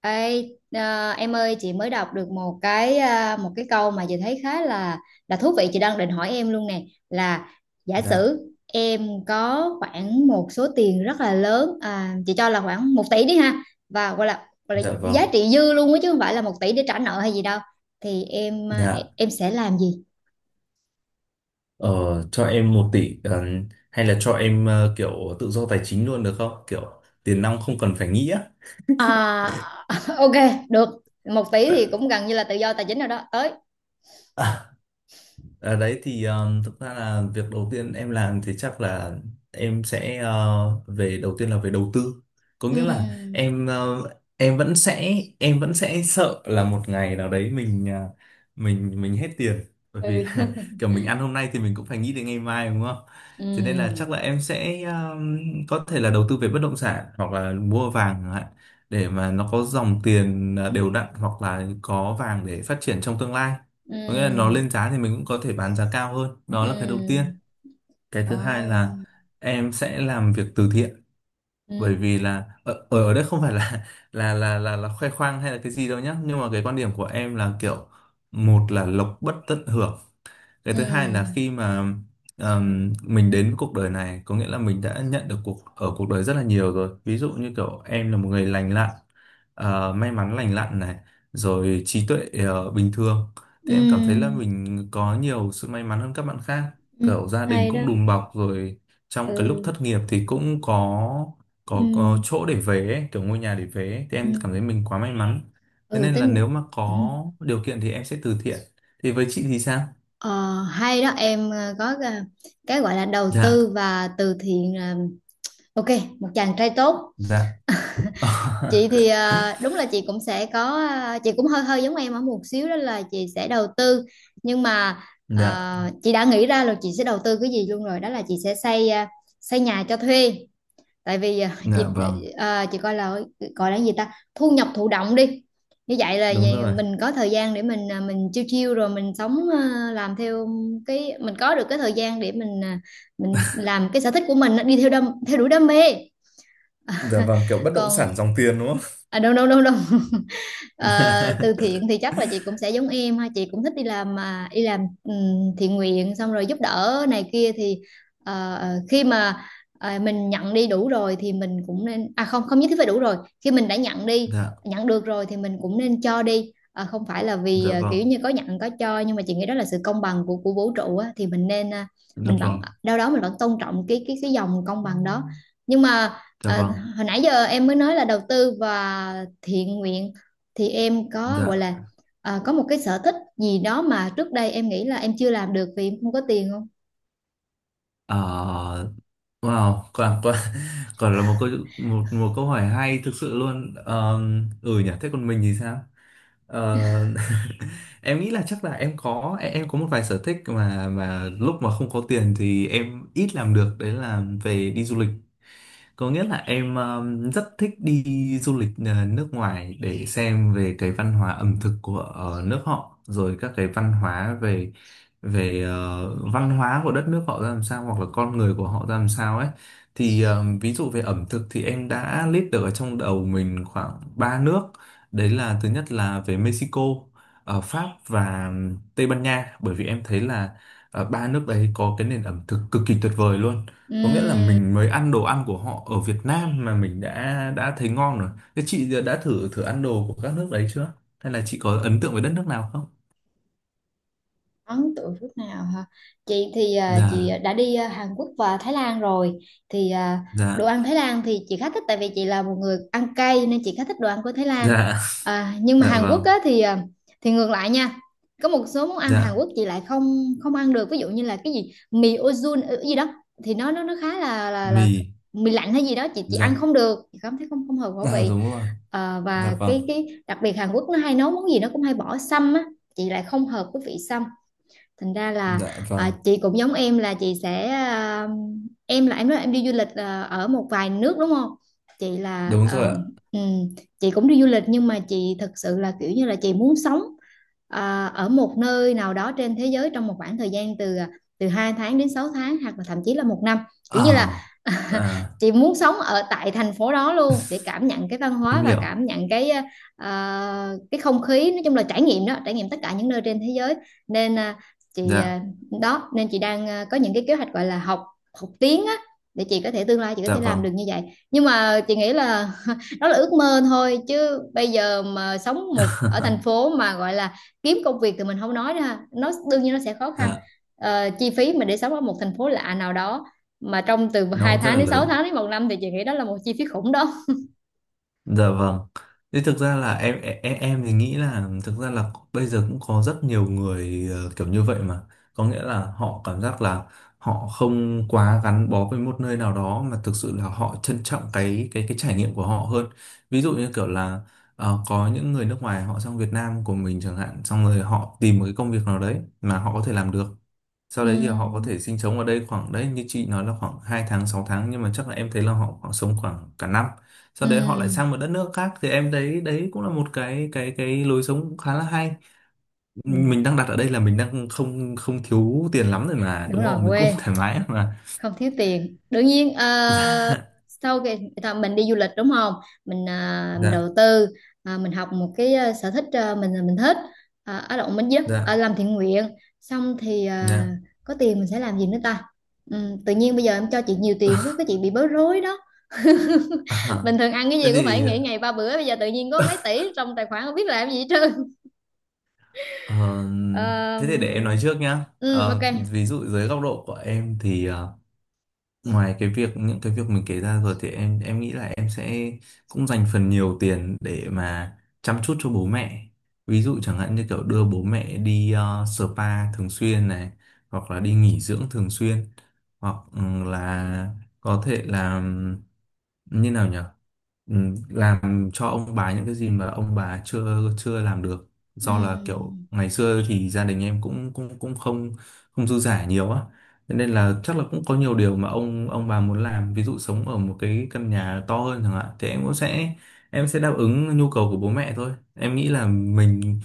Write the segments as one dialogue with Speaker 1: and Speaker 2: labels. Speaker 1: Ê, em ơi, chị mới đọc được một cái câu mà chị thấy khá là thú vị. Chị đang định hỏi em luôn nè, là giả sử
Speaker 2: Dạ,
Speaker 1: em có khoảng một số tiền rất là lớn, chị cho là khoảng 1 tỷ đi ha, và gọi là
Speaker 2: dạ
Speaker 1: giá
Speaker 2: vâng,
Speaker 1: trị dư luôn á, chứ không phải là 1 tỷ để trả nợ hay gì đâu, thì
Speaker 2: dạ.
Speaker 1: em sẽ làm gì?
Speaker 2: Ờ, cho em một tỷ hay là cho em kiểu tự do tài chính luôn được không? Kiểu tiền nong không cần phải nghĩ á.
Speaker 1: À, ok, được. 1 tỷ
Speaker 2: Dạ.
Speaker 1: thì cũng gần như là tự do tài chính rồi đó tới.
Speaker 2: À, đấy thì thực ra là việc đầu tiên em làm thì chắc là em sẽ về đầu tiên là về đầu tư, có nghĩa là
Speaker 1: Ừm.
Speaker 2: em ờ, em vẫn sẽ sợ là một ngày nào đấy mình ờ, mình hết tiền, bởi vì
Speaker 1: Ừ.
Speaker 2: là kiểu mình ăn hôm nay thì mình cũng phải nghĩ đến ngày mai đúng không? Thế nên là chắc là
Speaker 1: Ừm.
Speaker 2: em sẽ có thể là đầu tư về bất động sản hoặc là mua vàng chẳng hạn để mà nó có dòng tiền đều đặn hoặc là có vàng để phát triển trong tương lai, có nghĩa là nó
Speaker 1: Ừm.
Speaker 2: lên giá thì mình cũng có thể bán giá cao hơn. Đó là cái đầu tiên.
Speaker 1: Ừm.
Speaker 2: Cái thứ hai là
Speaker 1: Ồ.
Speaker 2: em sẽ làm việc từ thiện, bởi
Speaker 1: Ừ.
Speaker 2: vì là ở ở ở đây không phải là là khoe khoang hay là cái gì đâu nhá, nhưng mà cái quan điểm của em là kiểu một là lộc bất tận hưởng, cái thứ hai là
Speaker 1: Ừ.
Speaker 2: khi mà mình đến với cuộc đời này, có nghĩa là mình đã nhận được cuộc ở cuộc đời rất là nhiều rồi, ví dụ như kiểu em là một người lành lặn, may mắn lành lặn này, rồi trí tuệ bình thường, thì em cảm thấy là
Speaker 1: Ừ.
Speaker 2: mình có nhiều sự may mắn hơn các bạn khác,
Speaker 1: Ừ.
Speaker 2: kiểu gia đình
Speaker 1: Hay
Speaker 2: cũng
Speaker 1: đó.
Speaker 2: đùm bọc rồi, trong cái lúc thất
Speaker 1: Ừ.
Speaker 2: nghiệp thì cũng có có
Speaker 1: Ừ.
Speaker 2: chỗ để về ấy, kiểu ngôi nhà để về ấy. Thì em cảm
Speaker 1: Ừ.
Speaker 2: thấy mình quá may mắn, thế
Speaker 1: Ừ
Speaker 2: nên là nếu
Speaker 1: tính.
Speaker 2: mà
Speaker 1: Ừ.
Speaker 2: có điều kiện thì em sẽ từ thiện. Thì với chị thì sao?
Speaker 1: Ờ, Hay đó em. Cái gọi là đầu tư
Speaker 2: Dạ.
Speaker 1: và từ thiện là ok, một chàng trai tốt.
Speaker 2: Dạ.
Speaker 1: Chị thì, đúng là chị cũng sẽ có, chị cũng hơi hơi giống em ở một xíu, đó là chị sẽ đầu tư. Nhưng mà,
Speaker 2: Dạ.
Speaker 1: ờ, chị đã nghĩ ra là chị sẽ đầu tư cái gì luôn rồi, đó là chị sẽ xây, xây nhà cho thuê. Tại vì chị,
Speaker 2: Dạ vâng.
Speaker 1: chị coi là gọi là cái gì ta, thu nhập thụ động đi. Như vậy là
Speaker 2: Đúng
Speaker 1: gì,
Speaker 2: rồi.
Speaker 1: mình có thời gian để mình, mình chiêu chiêu rồi mình sống, làm theo cái mình có được, cái thời gian để mình, mình làm cái sở thích của mình á, đi theo đam theo đuổi đam mê.
Speaker 2: Dạ vâng, kiểu bất động sản
Speaker 1: Còn,
Speaker 2: dòng tiền đúng không?
Speaker 1: à, đâu đâu đâu đâu Ờ, Từ thiện thì chắc là chị cũng sẽ giống em ha, chị cũng thích đi làm, mà đi làm thiện nguyện xong rồi giúp đỡ này kia thì, khi mà, mình nhận đi đủ rồi thì mình cũng nên, à không, không nhất thiết phải đủ rồi, khi mình đã nhận đi,
Speaker 2: Dạ.
Speaker 1: nhận được rồi thì mình cũng nên cho đi. Ờ, Không phải là vì,
Speaker 2: Dạ vâng.
Speaker 1: kiểu như có nhận có cho, nhưng mà chị nghĩ đó là sự công bằng của vũ trụ á, thì mình nên,
Speaker 2: Dạ
Speaker 1: mình vẫn
Speaker 2: vâng.
Speaker 1: đâu đó mình vẫn tôn trọng cái dòng công bằng đó. Nhưng mà,
Speaker 2: Dạ
Speaker 1: ờ,
Speaker 2: vâng.
Speaker 1: hồi nãy giờ em mới nói là đầu tư và thiện nguyện, thì em có gọi
Speaker 2: Dạ.
Speaker 1: là, có một cái sở thích gì đó mà trước đây em nghĩ là em chưa làm được vì em không có tiền không?
Speaker 2: Ờ, wow, quả quả quả là một câu, một một câu hỏi hay thực sự luôn. Ờ, ừ nhỉ, thế còn mình thì sao? Ờ, em nghĩ là chắc là em có một vài sở thích mà lúc mà không có tiền thì em ít làm được, đấy là về đi du lịch. Có nghĩa là em rất thích đi du lịch nước ngoài để xem về cái văn hóa ẩm thực của nước họ, rồi các cái văn hóa về về ờ, văn hóa của đất nước họ ra làm sao hoặc là con người của họ ra làm sao ấy. Thì ví dụ về ẩm thực thì em đã list được ở trong đầu mình khoảng 3 nước. Đấy là thứ nhất là về Mexico, Pháp và Tây Ban Nha, bởi vì em thấy là ba nước đấy có cái nền ẩm thực cực kỳ tuyệt vời luôn, có nghĩa là
Speaker 1: Ừm.
Speaker 2: mình mới ăn đồ ăn của họ ở Việt Nam mà mình đã thấy ngon rồi. Thế chị đã thử thử ăn đồ của các nước đấy chưa? Hay là chị có ấn tượng với đất nước nào không?
Speaker 1: Ấn tượng nước nào hả? Chị thì, chị
Speaker 2: Dạ.
Speaker 1: đã đi, Hàn Quốc và Thái Lan rồi, thì đồ
Speaker 2: Dạ.
Speaker 1: ăn Thái Lan thì chị khá thích, tại vì chị là một người ăn cay nên chị khá thích đồ ăn của Thái Lan.
Speaker 2: Dạ.
Speaker 1: À, nhưng mà
Speaker 2: Dạ
Speaker 1: Hàn Quốc
Speaker 2: vâng.
Speaker 1: á, thì thì ngược lại nha. Có một số món ăn Hàn
Speaker 2: Dạ.
Speaker 1: Quốc chị lại không không ăn được, ví dụ như là cái gì mì ozun gì đó, thì nó khá là
Speaker 2: Mì.
Speaker 1: mì lạnh hay gì đó, chị ăn
Speaker 2: Dạ.
Speaker 1: không được, chị cảm thấy không không hợp khẩu
Speaker 2: Dạ
Speaker 1: vị.
Speaker 2: đúng rồi. Dạ
Speaker 1: Và
Speaker 2: vâng.
Speaker 1: cái đặc biệt Hàn Quốc, nó hay nấu món gì nó cũng hay bỏ sâm á, chị lại không hợp với vị sâm, thành ra là,
Speaker 2: Dạ vâng.
Speaker 1: chị cũng giống em, là chị sẽ, em là em nói em đi du lịch, ở một vài nước đúng không, chị là
Speaker 2: Đúng rồi ạ.
Speaker 1: ừm, chị cũng đi du lịch, nhưng mà chị thực sự là kiểu như là chị muốn sống, ở một nơi nào đó trên thế giới trong một khoảng thời gian từ, từ 2 tháng đến 6 tháng hoặc là thậm chí là một năm, kiểu như
Speaker 2: Ờ,
Speaker 1: là
Speaker 2: À,
Speaker 1: chị muốn sống ở tại thành phố đó luôn để cảm nhận cái văn hóa
Speaker 2: em
Speaker 1: và
Speaker 2: hiểu.
Speaker 1: cảm nhận cái, cái không khí, nói chung là trải nghiệm đó, trải nghiệm tất cả những nơi trên thế giới. Nên, chị,
Speaker 2: Dạ.
Speaker 1: đó nên chị đang, có những cái kế hoạch gọi là học, học tiếng á, để chị có thể tương lai chị có
Speaker 2: Dạ
Speaker 1: thể làm
Speaker 2: vâng.
Speaker 1: được như vậy. Nhưng mà chị nghĩ là, đó là ước mơ thôi, chứ bây giờ mà sống một ở thành phố mà gọi là kiếm công việc thì mình không nói ra nó đương nhiên nó sẽ khó khăn.
Speaker 2: Dạ.
Speaker 1: Chi phí mà để sống ở một thành phố lạ nào đó mà trong từ
Speaker 2: Nó
Speaker 1: 2
Speaker 2: cũng rất
Speaker 1: tháng
Speaker 2: là
Speaker 1: đến 6
Speaker 2: lớn.
Speaker 1: tháng đến một năm, thì chị nghĩ đó là một chi phí khủng đó.
Speaker 2: Dạ vâng. Thế thực ra là em thì nghĩ là thực ra là bây giờ cũng có rất nhiều người kiểu như vậy mà. Có nghĩa là họ cảm giác là họ không quá gắn bó với một nơi nào đó mà thực sự là họ trân trọng cái trải nghiệm của họ hơn. Ví dụ như kiểu là có những người nước ngoài họ sang Việt Nam của mình chẳng hạn, xong rồi họ tìm một cái công việc nào đấy mà họ có thể làm được, sau đấy thì họ có
Speaker 1: Ừm.
Speaker 2: thể sinh sống ở đây khoảng đấy như chị nói là khoảng 2 tháng 6 tháng, nhưng mà chắc là em thấy là họ khoảng sống khoảng cả năm, sau đấy họ lại sang
Speaker 1: Ừm.
Speaker 2: một đất nước khác. Thì em thấy đấy cũng là một cái lối sống cũng khá là hay, mình
Speaker 1: Ừm.
Speaker 2: đang đặt ở đây là mình đang không không thiếu tiền lắm rồi mà
Speaker 1: Đúng
Speaker 2: đúng
Speaker 1: rồi,
Speaker 2: không, mình cũng
Speaker 1: quên,
Speaker 2: thoải mái mà.
Speaker 1: không thiếu tiền đương nhiên. Ờ, Sau cái ta, mình đi du lịch đúng không, mình, mình đầu
Speaker 2: Dạ.
Speaker 1: tư, mình học một cái, sở thích, mình, mình thích, ở động mình giúp,
Speaker 2: Dạ.
Speaker 1: làm thiện nguyện, xong thì,
Speaker 2: Dạ.
Speaker 1: có tiền mình sẽ làm gì nữa ta. Tự nhiên bây giờ em cho chị nhiều tiền quá, cái chị bị bối rối đó.
Speaker 2: À,
Speaker 1: Bình thường ăn cái
Speaker 2: thế
Speaker 1: gì cũng phải
Speaker 2: thì
Speaker 1: nghỉ ngày 3 bữa, bây giờ tự nhiên có mấy tỷ trong tài khoản không biết làm gì hết trơn.
Speaker 2: ờ, thế thì để em nói
Speaker 1: Ờm,
Speaker 2: trước nhá.
Speaker 1: ok.
Speaker 2: Ví dụ dưới góc độ của em thì ngoài cái việc những cái việc mình kể ra rồi thì em nghĩ là em sẽ cũng dành phần nhiều tiền để mà chăm chút cho bố mẹ, ví dụ chẳng hạn như kiểu đưa bố mẹ đi spa thường xuyên này, hoặc là đi nghỉ dưỡng thường xuyên, hoặc là có thể là như nào nhỉ. Làm cho ông bà những cái gì mà ông bà chưa chưa làm được, do là kiểu
Speaker 1: Ừm.
Speaker 2: ngày xưa thì gia đình em cũng cũng cũng không không dư dả nhiều á. Thế nên là chắc là cũng có nhiều điều mà ông bà muốn làm, ví dụ sống ở một cái căn nhà to hơn chẳng hạn, thì em cũng sẽ em sẽ đáp ứng nhu cầu của bố mẹ thôi. Em nghĩ là mình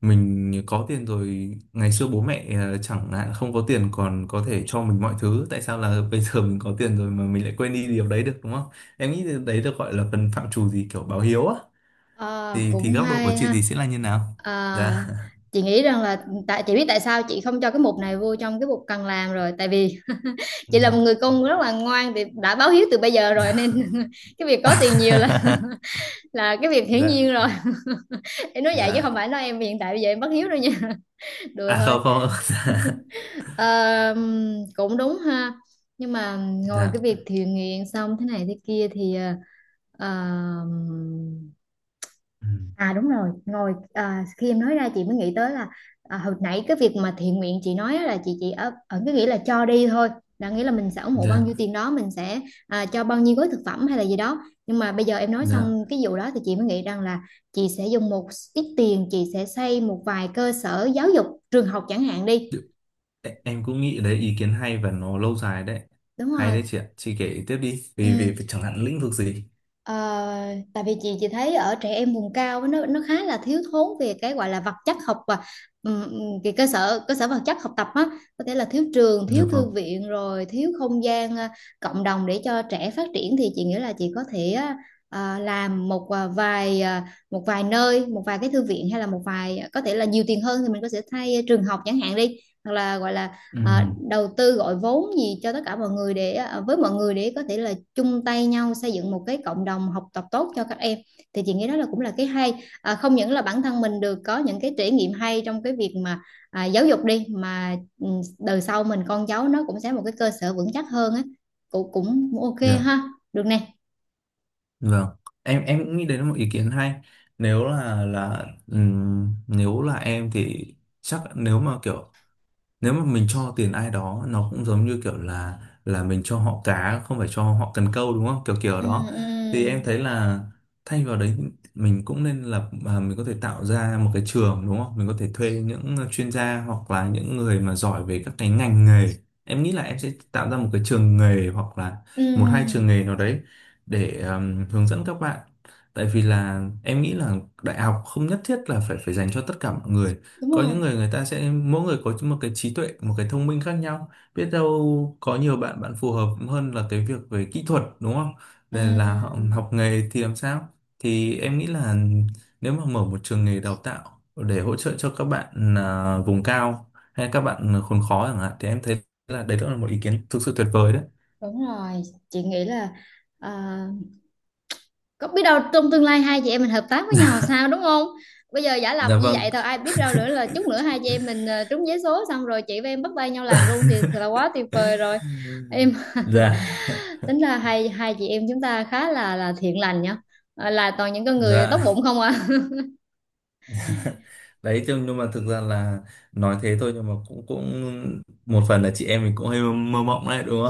Speaker 2: mình có tiền rồi, ngày xưa bố mẹ chẳng hạn không có tiền còn có thể cho mình mọi thứ, tại sao là bây giờ mình có tiền rồi mà mình lại quên đi điều đấy được đúng không? Em nghĩ đấy được gọi là phần phạm trù gì kiểu báo hiếu á.
Speaker 1: À,
Speaker 2: Thì
Speaker 1: cũng
Speaker 2: góc độ của
Speaker 1: hay
Speaker 2: chị
Speaker 1: ha.
Speaker 2: thì sẽ là như nào?
Speaker 1: À,
Speaker 2: Dạ.
Speaker 1: chị nghĩ rằng là, tại chị biết tại sao chị không cho cái mục này vô trong cái mục cần làm rồi, tại vì chị là một người con rất là ngoan thì đã báo hiếu từ bây giờ rồi nên cái việc có tiền nhiều là
Speaker 2: Dạ.
Speaker 1: là cái việc hiển
Speaker 2: Dạ.
Speaker 1: nhiên rồi. Em nói vậy chứ không
Speaker 2: Dạ.
Speaker 1: phải nói em hiện tại bây giờ em bất hiếu đâu nha. Đùa
Speaker 2: À
Speaker 1: thôi.
Speaker 2: không không. Dạ.
Speaker 1: Ờ, Cũng đúng ha, nhưng mà ngồi
Speaker 2: Dạ.
Speaker 1: cái việc thiện nguyện xong thế này thế kia thì, ờ,
Speaker 2: Ừ.
Speaker 1: à đúng rồi, ngồi, khi em nói ra chị mới nghĩ tới là, hồi nãy cái việc mà thiện nguyện chị nói á, là chị ở ở cái nghĩa là cho đi thôi, là nghĩa là mình sẽ ủng hộ bao nhiêu
Speaker 2: Dạ.
Speaker 1: tiền đó, mình sẽ, cho bao nhiêu gói thực phẩm hay là gì đó. Nhưng mà bây giờ em nói
Speaker 2: Dạ.
Speaker 1: xong cái vụ đó thì chị mới nghĩ rằng là chị sẽ dùng một ít tiền, chị sẽ xây một vài cơ sở giáo dục, trường học chẳng hạn đi.
Speaker 2: Đ- em cũng nghĩ đấy ý kiến hay và nó lâu dài đấy.
Speaker 1: Đúng
Speaker 2: Hay
Speaker 1: rồi.
Speaker 2: đấy chị ạ, chị kể tiếp đi,
Speaker 1: Ừ.
Speaker 2: vì vì vì chẳng hạn lĩnh vực gì
Speaker 1: Ờ, Tại vì chị thấy ở trẻ em vùng cao á, nó khá là thiếu thốn về cái gọi là vật chất học và cái cơ sở vật chất học tập á, có thể là thiếu trường, thiếu
Speaker 2: được không?
Speaker 1: thư viện, rồi thiếu không gian, cộng đồng để cho trẻ phát triển. Thì chị nghĩ là chị có thể á, làm một, vài, một vài nơi, một vài cái thư viện, hay là một vài, có thể là nhiều tiền hơn thì mình có thể thay, trường học chẳng hạn đi, hoặc là gọi là,
Speaker 2: Ừ.
Speaker 1: đầu tư gọi vốn gì cho tất cả mọi người, để với mọi người để có thể là chung tay nhau xây dựng một cái cộng đồng học tập tốt cho các em. Thì chị nghĩ đó là cũng là cái hay, không những là bản thân mình được có những cái trải nghiệm hay trong cái việc mà, giáo dục đi, mà ừ, đời sau mình con cháu nó cũng sẽ một cái cơ sở vững chắc hơn á. Cũng cũng ok
Speaker 2: Dạ
Speaker 1: ha, được nè.
Speaker 2: vâng. Em cũng nghĩ đấy là một ý kiến hay. Nếu là nếu là em thì chắc nếu mà kiểu nếu mà mình cho tiền ai đó, nó cũng giống như kiểu là mình cho họ cá không phải cho họ cần câu đúng không, kiểu kiểu
Speaker 1: Ừ.
Speaker 2: đó. Thì
Speaker 1: Ừ.
Speaker 2: em thấy là thay vào đấy mình cũng nên lập à, mình có thể tạo ra một cái trường đúng không, mình có thể thuê những chuyên gia hoặc là những người mà giỏi về các cái ngành nghề. Em nghĩ là em sẽ tạo ra một cái trường nghề hoặc là một hai trường
Speaker 1: Ừ.
Speaker 2: nghề nào đấy để hướng dẫn các bạn. Tại vì là em nghĩ là đại học không nhất thiết là phải phải dành cho tất cả mọi người.
Speaker 1: Đúng
Speaker 2: Có những
Speaker 1: rồi.
Speaker 2: người người ta sẽ mỗi người có một cái trí tuệ một cái thông minh khác nhau, biết đâu có nhiều bạn bạn phù hợp hơn là cái việc về kỹ thuật đúng không, nên là họ
Speaker 1: Ừ.
Speaker 2: học nghề thì làm sao. Thì em nghĩ là nếu mà mở một trường nghề đào tạo để hỗ trợ cho các bạn à, vùng cao hay các bạn khốn khó chẳng hạn, thì em thấy là đấy cũng là một ý kiến thực sự tuyệt vời đấy.
Speaker 1: Đúng rồi, chị nghĩ là, à, có biết đâu trong tương lai hai chị em mình hợp tác với nhau sao, đúng không? Bây giờ giả lập
Speaker 2: Dạ
Speaker 1: như
Speaker 2: vâng.
Speaker 1: vậy thôi, ai biết đâu nữa là chút nữa hai chị em mình, trúng vé số xong rồi chị và em bắt tay nhau làm luôn thì là quá tuyệt vời rồi. Em,
Speaker 2: Dạ.
Speaker 1: tính ra hai hai chị em chúng ta khá là thiện lành nhá. Là toàn những con người tốt
Speaker 2: Dạ.
Speaker 1: bụng không à.
Speaker 2: Đấy thế nhưng mà thực ra là nói thế thôi, nhưng mà cũng cũng một phần là chị em mình cũng hơi mơ mộng đấy đúng,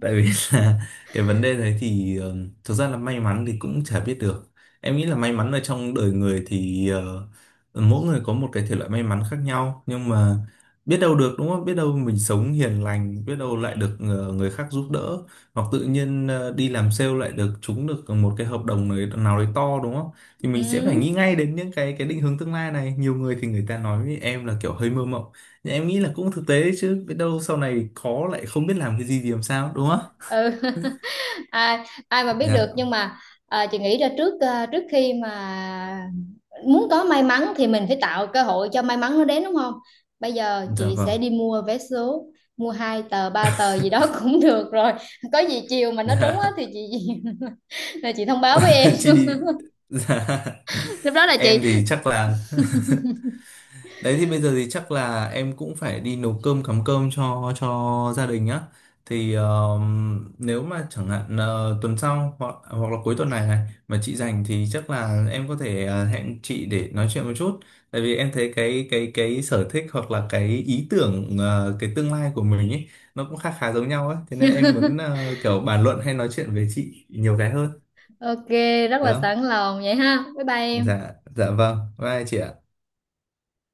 Speaker 2: tại vì là cái vấn đề đấy thì thực ra là may mắn thì cũng chả biết được. Em nghĩ là may mắn ở trong đời người thì mỗi người có một cái thể loại may mắn khác nhau, nhưng mà biết đâu được đúng không, biết đâu mình sống hiền lành biết đâu lại được người khác giúp đỡ, hoặc tự nhiên đi làm sale lại được trúng được một cái hợp đồng nào nào đấy to đúng không? Thì mình sẽ phải nghĩ
Speaker 1: Ừ.
Speaker 2: ngay đến những cái định hướng tương lai này. Nhiều người thì người ta nói với em là kiểu hơi mơ mộng, thì em nghĩ là cũng thực tế đấy chứ, biết đâu sau này có lại không biết làm cái gì thì làm sao đúng không?
Speaker 1: Ừ. ai ai mà biết được,
Speaker 2: Dạ.
Speaker 1: nhưng mà, chị nghĩ ra trước, trước khi mà muốn có may mắn thì mình phải tạo cơ hội cho may mắn nó đến, đúng không? Bây giờ
Speaker 2: Dạ
Speaker 1: chị
Speaker 2: vâng.
Speaker 1: sẽ đi mua vé số, mua hai tờ ba tờ gì đó cũng được rồi. Có gì chiều mà nó trúng
Speaker 2: Dạ.
Speaker 1: á thì chị là chị thông báo với em.
Speaker 2: Chị đi. Dạ.
Speaker 1: Lúc đó là chị
Speaker 2: Em thì chắc là. Đấy thì bây giờ thì chắc là em cũng phải đi nấu cơm cắm cơm cho gia đình á. Thì nếu mà chẳng hạn tuần sau hoặc hoặc là cuối tuần này này mà chị rảnh thì chắc là em có thể hẹn chị để nói chuyện một chút. Tại vì em thấy cái sở thích hoặc là cái ý tưởng cái tương lai của mình ấy nó cũng khá khá giống nhau ấy. Thế nên em muốn kiểu bàn luận hay nói chuyện với chị nhiều cái hơn,
Speaker 1: ok, rất
Speaker 2: được
Speaker 1: là
Speaker 2: không?
Speaker 1: sẵn lòng vậy ha, bye bye em.
Speaker 2: Dạ dạ vâng. Bye chị ạ.